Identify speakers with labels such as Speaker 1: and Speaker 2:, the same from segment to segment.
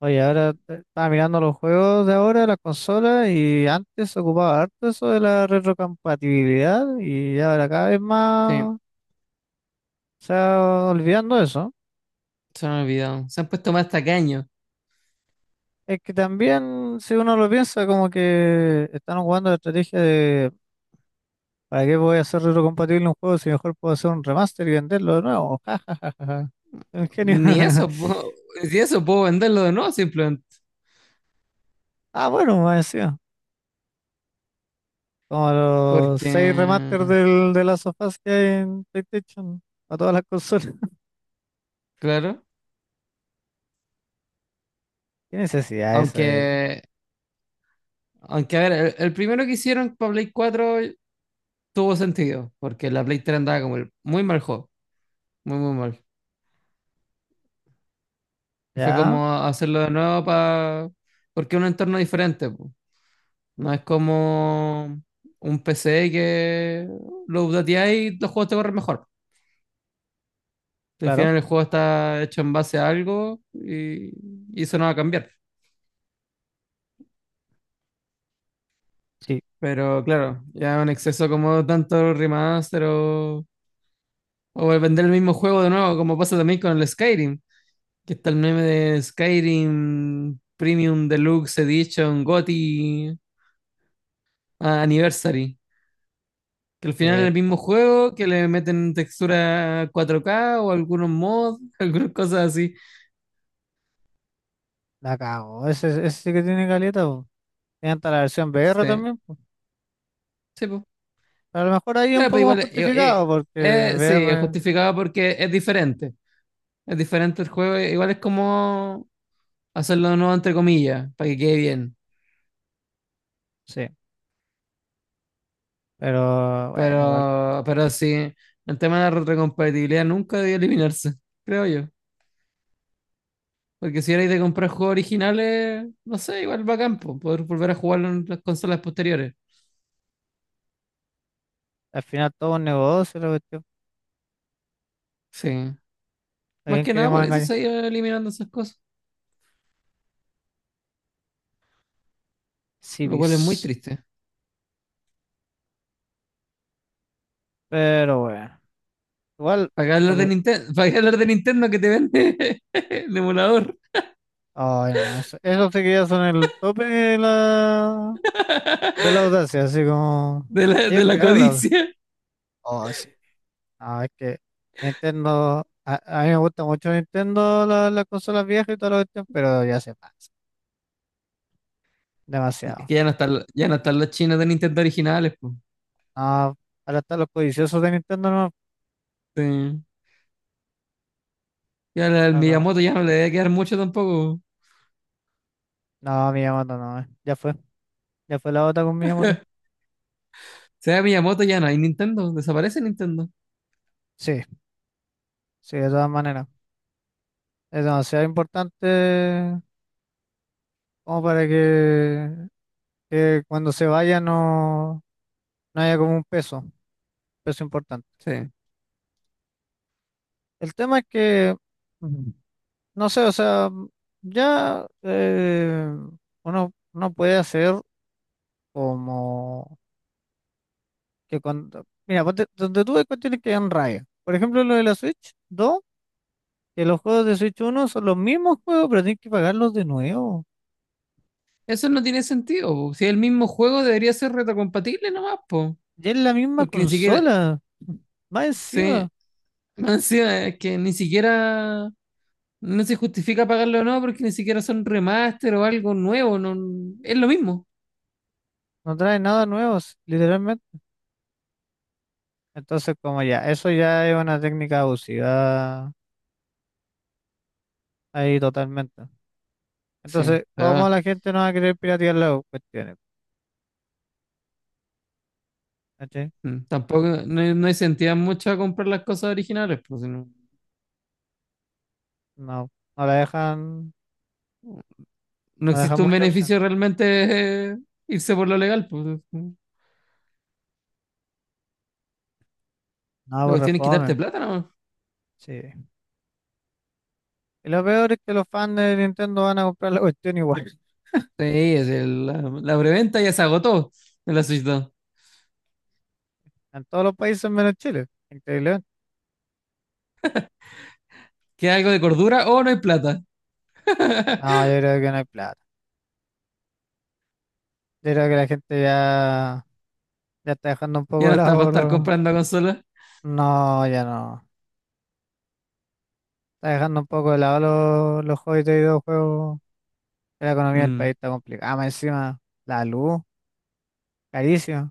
Speaker 1: Oye, ahora estaba mirando los juegos de ahora, las consolas, y antes se ocupaba harto eso de la retrocompatibilidad, y ya ahora cada vez
Speaker 2: Sí,
Speaker 1: más se va olvidando eso.
Speaker 2: se me olvidado. Se han puesto más tacaños.
Speaker 1: Es que también, si uno lo piensa, como que están jugando la estrategia de ¿para qué voy a hacer retrocompatible un juego si mejor puedo hacer un remaster y venderlo de nuevo? Ja, ja, un genio.
Speaker 2: Ni eso puedo, si eso puedo venderlo de nuevo simplemente.
Speaker 1: Ah, bueno, me decía. Como los
Speaker 2: Porque,
Speaker 1: seis remasters del, de las sofás que hay en PlayStation, a todas las consolas.
Speaker 2: claro,
Speaker 1: ¿Qué necesidad esa?
Speaker 2: aunque, aunque a ver, el primero que hicieron para Play 4 tuvo sentido, porque la Play 3 andaba como muy mal juego, muy, muy mal. Y fue
Speaker 1: Ya,
Speaker 2: como hacerlo de nuevo para, porque es un entorno diferente, po. No es como un p c que lo updateas y los juegos te corren mejor. Al
Speaker 1: claro,
Speaker 2: final el juego está hecho en base a algo y eso no va a cambiar.
Speaker 1: sí,
Speaker 2: Pero claro, ya un exceso como tanto remaster o el vender el mismo juego de nuevo, como pasa también con el Skyrim, que está el meme de Skyrim Premium Deluxe Edition GOTY Anniversary, que al final es
Speaker 1: eh,
Speaker 2: el mismo juego, que le meten textura 4K o algunos mods, algunas cosas así.
Speaker 1: la cago. Ese sí que tiene caleta, po. Tiene hasta la versión VR
Speaker 2: Sí,
Speaker 1: también, po.
Speaker 2: sí, pues.
Speaker 1: A lo mejor ahí es un
Speaker 2: Claro, pero
Speaker 1: poco más
Speaker 2: igual,
Speaker 1: justificado, porque
Speaker 2: sí, es
Speaker 1: VR,
Speaker 2: justificado porque es diferente. Es diferente el juego, igual es como hacerlo de nuevo entre comillas, para que quede bien.
Speaker 1: sí, pero bueno, igual.
Speaker 2: Pero sí, el tema de la retrocompatibilidad nunca debió eliminarse, creo yo. Porque si erais de comprar juegos originales, no sé, igual bacán, campo poder volver a jugarlo en las consolas posteriores.
Speaker 1: Al final todo es un negocio, la cuestión.
Speaker 2: Sí.
Speaker 1: ¿A
Speaker 2: Más
Speaker 1: quién
Speaker 2: que nada
Speaker 1: queremos
Speaker 2: por eso
Speaker 1: engañar?
Speaker 2: se iban eliminando esas cosas, lo cual es muy
Speaker 1: Civis.
Speaker 2: triste.
Speaker 1: Pero bueno, igual,
Speaker 2: Para qué hablar
Speaker 1: por
Speaker 2: de
Speaker 1: el-
Speaker 2: Nintendo, para qué hablar de Nintendo que te vende el emulador
Speaker 1: ay, no, eso sí que ya son el tope de la audacia, así como
Speaker 2: de la,
Speaker 1: ellos
Speaker 2: de la
Speaker 1: crearon la audacia.
Speaker 2: codicia.
Speaker 1: Oh, sí. No, es que Nintendo, a mí me gusta mucho Nintendo, las consolas viejas y toda la cuestión, pero ya se pasa,
Speaker 2: Es
Speaker 1: demasiado.
Speaker 2: que ya no están, ya no están los chinos de Nintendo originales, po.
Speaker 1: No, ahora están los codiciosos de Nintendo, no,
Speaker 2: Sí. Y al
Speaker 1: acá-
Speaker 2: Miyamoto ya no le debe quedar mucho tampoco. O
Speaker 1: no, Miyamoto no. Ya fue la otra con Miyamoto.
Speaker 2: sea, Miyamoto ya no hay Nintendo, desaparece Nintendo.
Speaker 1: Sí, sí, de todas maneras, es demasiado importante como para que cuando se vaya no, no haya como un peso, peso importante.
Speaker 2: Sí.
Speaker 1: El tema es que no sé, o sea, ya uno puede hacer como que. Mira, donde tú ves cuestiones que dan raya. Por ejemplo, lo de la Switch 2, que los juegos de Switch 1 son los mismos juegos, pero tienes que pagarlos de nuevo.
Speaker 2: Eso no tiene sentido, po. Si el mismo juego debería ser retrocompatible nomás, po.
Speaker 1: Ya es la misma
Speaker 2: Porque ni siquiera,
Speaker 1: consola. Más
Speaker 2: sí,
Speaker 1: encima,
Speaker 2: más encima es que ni siquiera, no se justifica pagarlo o no, porque ni siquiera son remaster o algo nuevo, no, es lo mismo.
Speaker 1: no trae nada nuevo, literalmente. Entonces, como ya, eso ya es una técnica abusiva ahí totalmente.
Speaker 2: Sí,
Speaker 1: Entonces,
Speaker 2: pero
Speaker 1: ¿cómo la gente no va a querer piratear las cuestiones?
Speaker 2: tampoco, no, no incentiva mucho a comprar las cosas originales, pues si no,
Speaker 1: No, no la dejan,
Speaker 2: no
Speaker 1: no dejan
Speaker 2: existe un
Speaker 1: mucha opción.
Speaker 2: beneficio realmente irse por lo legal, pues.
Speaker 1: No,
Speaker 2: La
Speaker 1: por
Speaker 2: cuestión es quitarte
Speaker 1: refome.
Speaker 2: plata, ¿no?
Speaker 1: Sí. Y lo peor es que los fans de Nintendo van a comprar la cuestión igual.
Speaker 2: Sí, es la preventa ya se agotó en la Switch 2.
Speaker 1: En todos los países menos Chile. Increíble.
Speaker 2: ¿Queda algo de cordura o no hay plata?
Speaker 1: No, yo creo que no hay plata. Yo creo que la gente ya, ya está dejando un
Speaker 2: Ya
Speaker 1: poco
Speaker 2: no
Speaker 1: de
Speaker 2: está para
Speaker 1: lado
Speaker 2: estar
Speaker 1: los...
Speaker 2: comprando consolas.
Speaker 1: No, ya no. Está dejando un poco de lado los hobbies de videojuegos. La economía del
Speaker 2: Mm,
Speaker 1: país está complicada. Ah, más encima, la luz, carísima.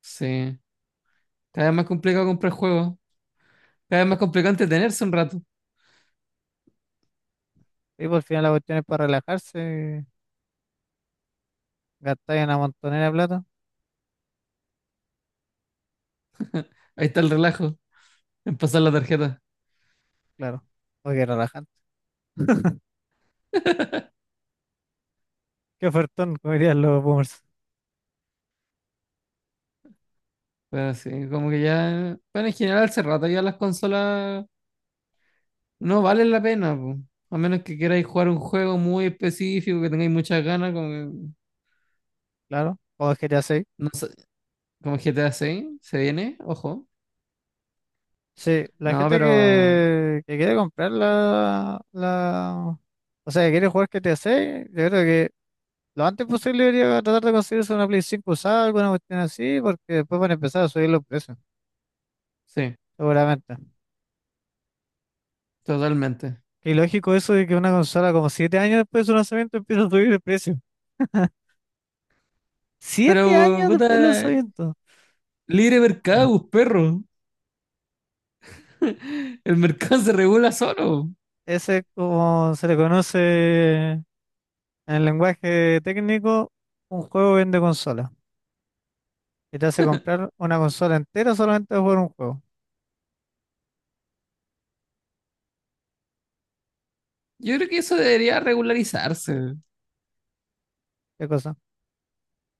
Speaker 2: sí. Cada vez más complicado comprar juegos. Cada vez más complicado entretenerse un rato.
Speaker 1: Y por fin la cuestión es para relajarse. Gastar una montonera de plata.
Speaker 2: Ahí está el relajo en pasar la tarjeta.
Speaker 1: Claro. Porque relajarse. Qué ofertón, como dirían los boomers.
Speaker 2: Pero sí, como que ya. Bueno, en general hace rato ya las consolas no valen la pena, po. A menos que queráis jugar un juego muy específico, que tengáis muchas ganas, como,
Speaker 1: Claro, o el GTA 6.
Speaker 2: no sé, como GTA 6, se viene, ojo.
Speaker 1: Sí, la
Speaker 2: No,
Speaker 1: gente
Speaker 2: pero
Speaker 1: que quiere comprar. O sea, que quiere jugar GTA 6, yo creo que lo antes posible debería tratar de conseguirse una Play 5 usada, alguna cuestión así, porque después van a empezar a subir los precios,
Speaker 2: sí,
Speaker 1: seguramente.
Speaker 2: totalmente.
Speaker 1: Qué ilógico eso de que una consola como 7 años después de su lanzamiento empieza a subir el precio. Siete
Speaker 2: Pero,
Speaker 1: años después del
Speaker 2: puta,
Speaker 1: lanzamiento.
Speaker 2: libre
Speaker 1: Mm.
Speaker 2: mercado, pues, perro. El mercado se regula solo.
Speaker 1: Ese es como se le conoce en el lenguaje técnico, un juego vende consola y te hace comprar una consola entera solamente por un juego.
Speaker 2: Yo creo que eso debería regularizarse.
Speaker 1: ¿Qué cosa?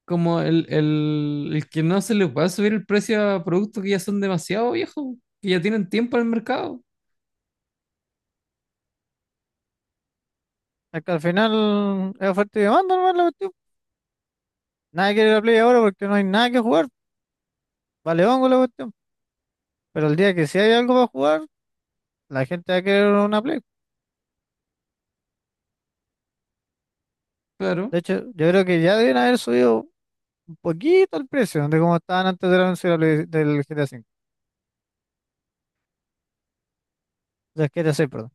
Speaker 2: Como el que no se le pueda subir el precio a productos que ya son demasiado viejos, que ya tienen tiempo en el mercado.
Speaker 1: Es que al final es oferta y demanda, nomás la cuestión. Nadie quiere la Play ahora porque no hay nada que jugar. Vale hongo la cuestión. Pero el día que sí hay algo para jugar, la gente va a querer una Play.
Speaker 2: Pero,
Speaker 1: De hecho, yo creo que ya deben haber subido un poquito el precio de cómo estaban antes del anuncio de la del GTA 5. Del GTA 6, perdón.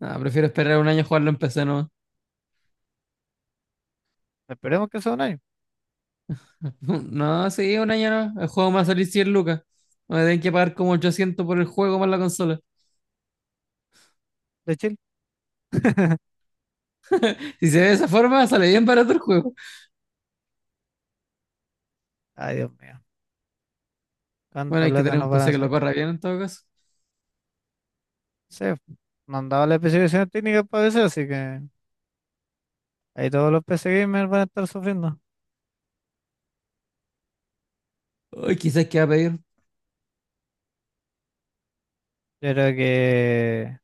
Speaker 2: nada, prefiero esperar un año a jugarlo en PC, ¿no?
Speaker 1: Esperemos que sea un año
Speaker 2: No, sí, un año no. El juego me va a salir 100 lucas. Me tienen que pagar como 800 por el juego más la consola.
Speaker 1: de Chile.
Speaker 2: Si se ve de esa forma, sale bien barato el juego.
Speaker 1: Ay, Dios mío.
Speaker 2: Bueno,
Speaker 1: ¿Cuánta
Speaker 2: hay que
Speaker 1: plata
Speaker 2: tener un
Speaker 1: nos van a
Speaker 2: PC que lo
Speaker 1: hacer?
Speaker 2: corra bien en todo caso.
Speaker 1: Sí, mandaba las especificaciones técnicas para PC, así que ahí todos los PC gamers van a estar sufriendo.
Speaker 2: Uy, quizás que va a pedir,
Speaker 1: Yo creo que,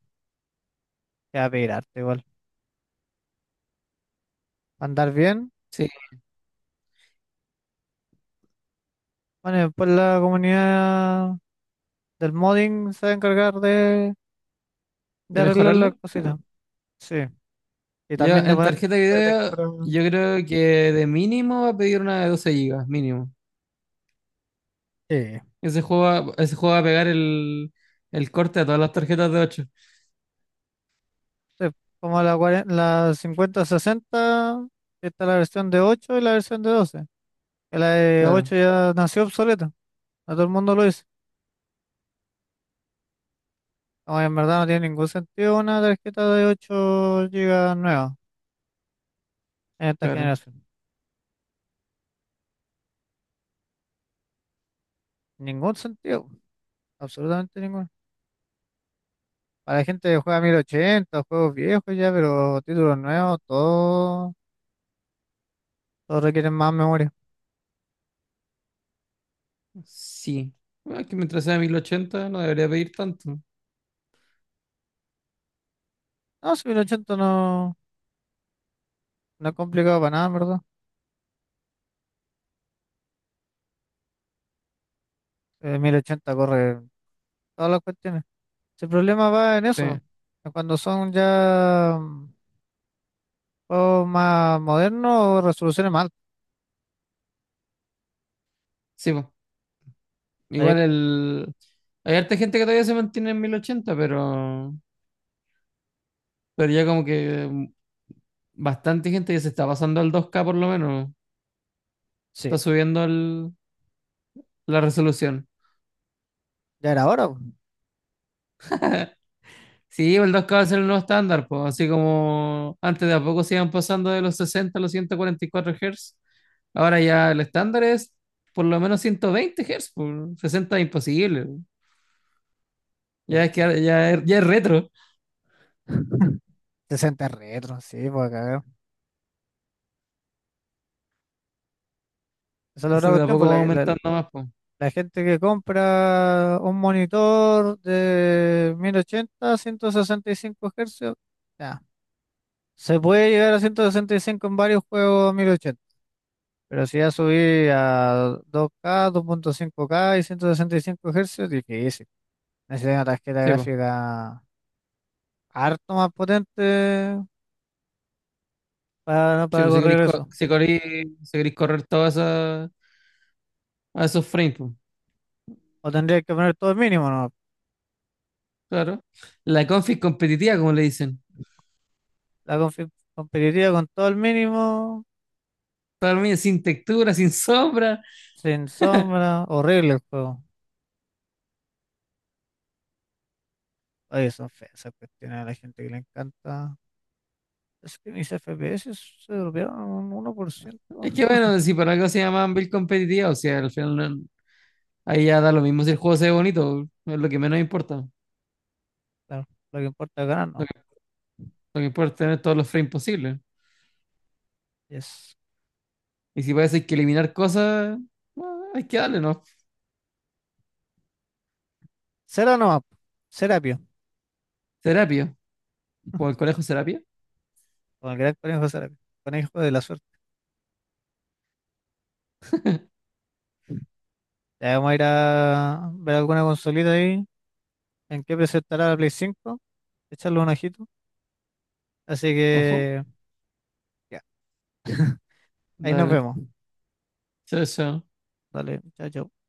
Speaker 1: que va a pedir harto igual. Va a andar bien.
Speaker 2: sí,
Speaker 1: Bueno, y después la comunidad del modding se va a encargar de
Speaker 2: de
Speaker 1: arreglar las
Speaker 2: mejorarlo.
Speaker 1: cositas. Sí. Y
Speaker 2: Yo
Speaker 1: también de
Speaker 2: en
Speaker 1: poner
Speaker 2: tarjeta de video,
Speaker 1: detector.
Speaker 2: yo creo que de mínimo va a pedir una de 12 gigas mínimo.
Speaker 1: Sí.
Speaker 2: Ese juego va a pegar el corte a todas las tarjetas de ocho.
Speaker 1: Sí, como la, la 5060, está la versión de 8 y la versión de 12. Que la de
Speaker 2: Claro,
Speaker 1: 8 ya nació obsoleta. A todo el mundo lo dice. O en verdad no tiene ningún sentido una tarjeta de 8 gigas nueva en esta
Speaker 2: claro.
Speaker 1: generación. Ningún sentido, absolutamente ninguno. Para la gente que juega 1080 juegos viejos ya, pero títulos nuevos, todo, todo requieren más memoria.
Speaker 2: Sí. Bueno, es que mientras sea 1080 no debería pedir tanto.
Speaker 1: No, si 1080 no, no es complicado para nada, en verdad. 1080 corre todas las cuestiones. Si el problema va en
Speaker 2: Sí,
Speaker 1: eso, en cuando son ya juegos más modernos o resoluciones más altas.
Speaker 2: sí, po.
Speaker 1: Ahí-
Speaker 2: Igual el... Hay harta gente que todavía se mantiene en 1080, pero... Pero ya como que bastante gente ya se está pasando al dos k por lo menos.
Speaker 1: sí,
Speaker 2: Está subiendo la resolución.
Speaker 1: ya era hora, po.
Speaker 2: Sí, el 2K va a ser el nuevo estándar, pues. Así como antes de a poco se iban pasando de los 60 a los 144 Hz. Ahora ya el estándar es por lo menos 120 Hz, pues. 60 es imposible. Po. Ya es que
Speaker 1: Sí.
Speaker 2: ya es retro.
Speaker 1: 60 retro, sí, pues cagar. Esa es la otra
Speaker 2: Entonces de a
Speaker 1: cuestión, pues
Speaker 2: poco va aumentando más, pues.
Speaker 1: la gente que compra un monitor de 1080, 165 Hz, ya, se puede llegar a 165 en varios juegos 1080, pero si ya subí a 2K, 2.5K y 165 Hz, difícil. Necesitas una tarjeta
Speaker 2: Sí, pues.
Speaker 1: gráfica harto más potente para,
Speaker 2: Sí,
Speaker 1: para
Speaker 2: pues. Si
Speaker 1: correr
Speaker 2: queréis,
Speaker 1: eso.
Speaker 2: si queréis correr todos esos, a esos frames, pues.
Speaker 1: O tendrías que poner todo el mínimo, ¿no?
Speaker 2: Claro. La config competitiva, como le dicen.
Speaker 1: La competitiva con todo el mínimo.
Speaker 2: Para mí, sin textura, sin sombra.
Speaker 1: Sin sombra, horrible el juego. Oye, son feas esas cuestiones a la gente que le encanta. Es que mis FPS se dropearon un 1%.
Speaker 2: Es que bueno, si para algo se llaman build competitiva, o sea, al final ahí ya da lo mismo si el juego se ve bonito, es lo que menos importa.
Speaker 1: Claro, lo que importa es ganar,
Speaker 2: Lo
Speaker 1: no.
Speaker 2: que, lo que importa es tener todos los frames posibles.
Speaker 1: Yes.
Speaker 2: Y si parece que eliminar cosas, hay que darle, ¿no?
Speaker 1: Cera nomás, po. Serapio.
Speaker 2: Terapia. O el conejo terapia.
Speaker 1: Con el gran conejo Serapio. Conejo de la suerte. Ya vamos a ir a ver alguna consolita ahí, en qué presentará la Play 5. Echarle un ojito. Así
Speaker 2: Ojo.
Speaker 1: que, ya. Ahí nos
Speaker 2: Dale.
Speaker 1: vemos.
Speaker 2: Chao, chao.
Speaker 1: Dale, chao, chao.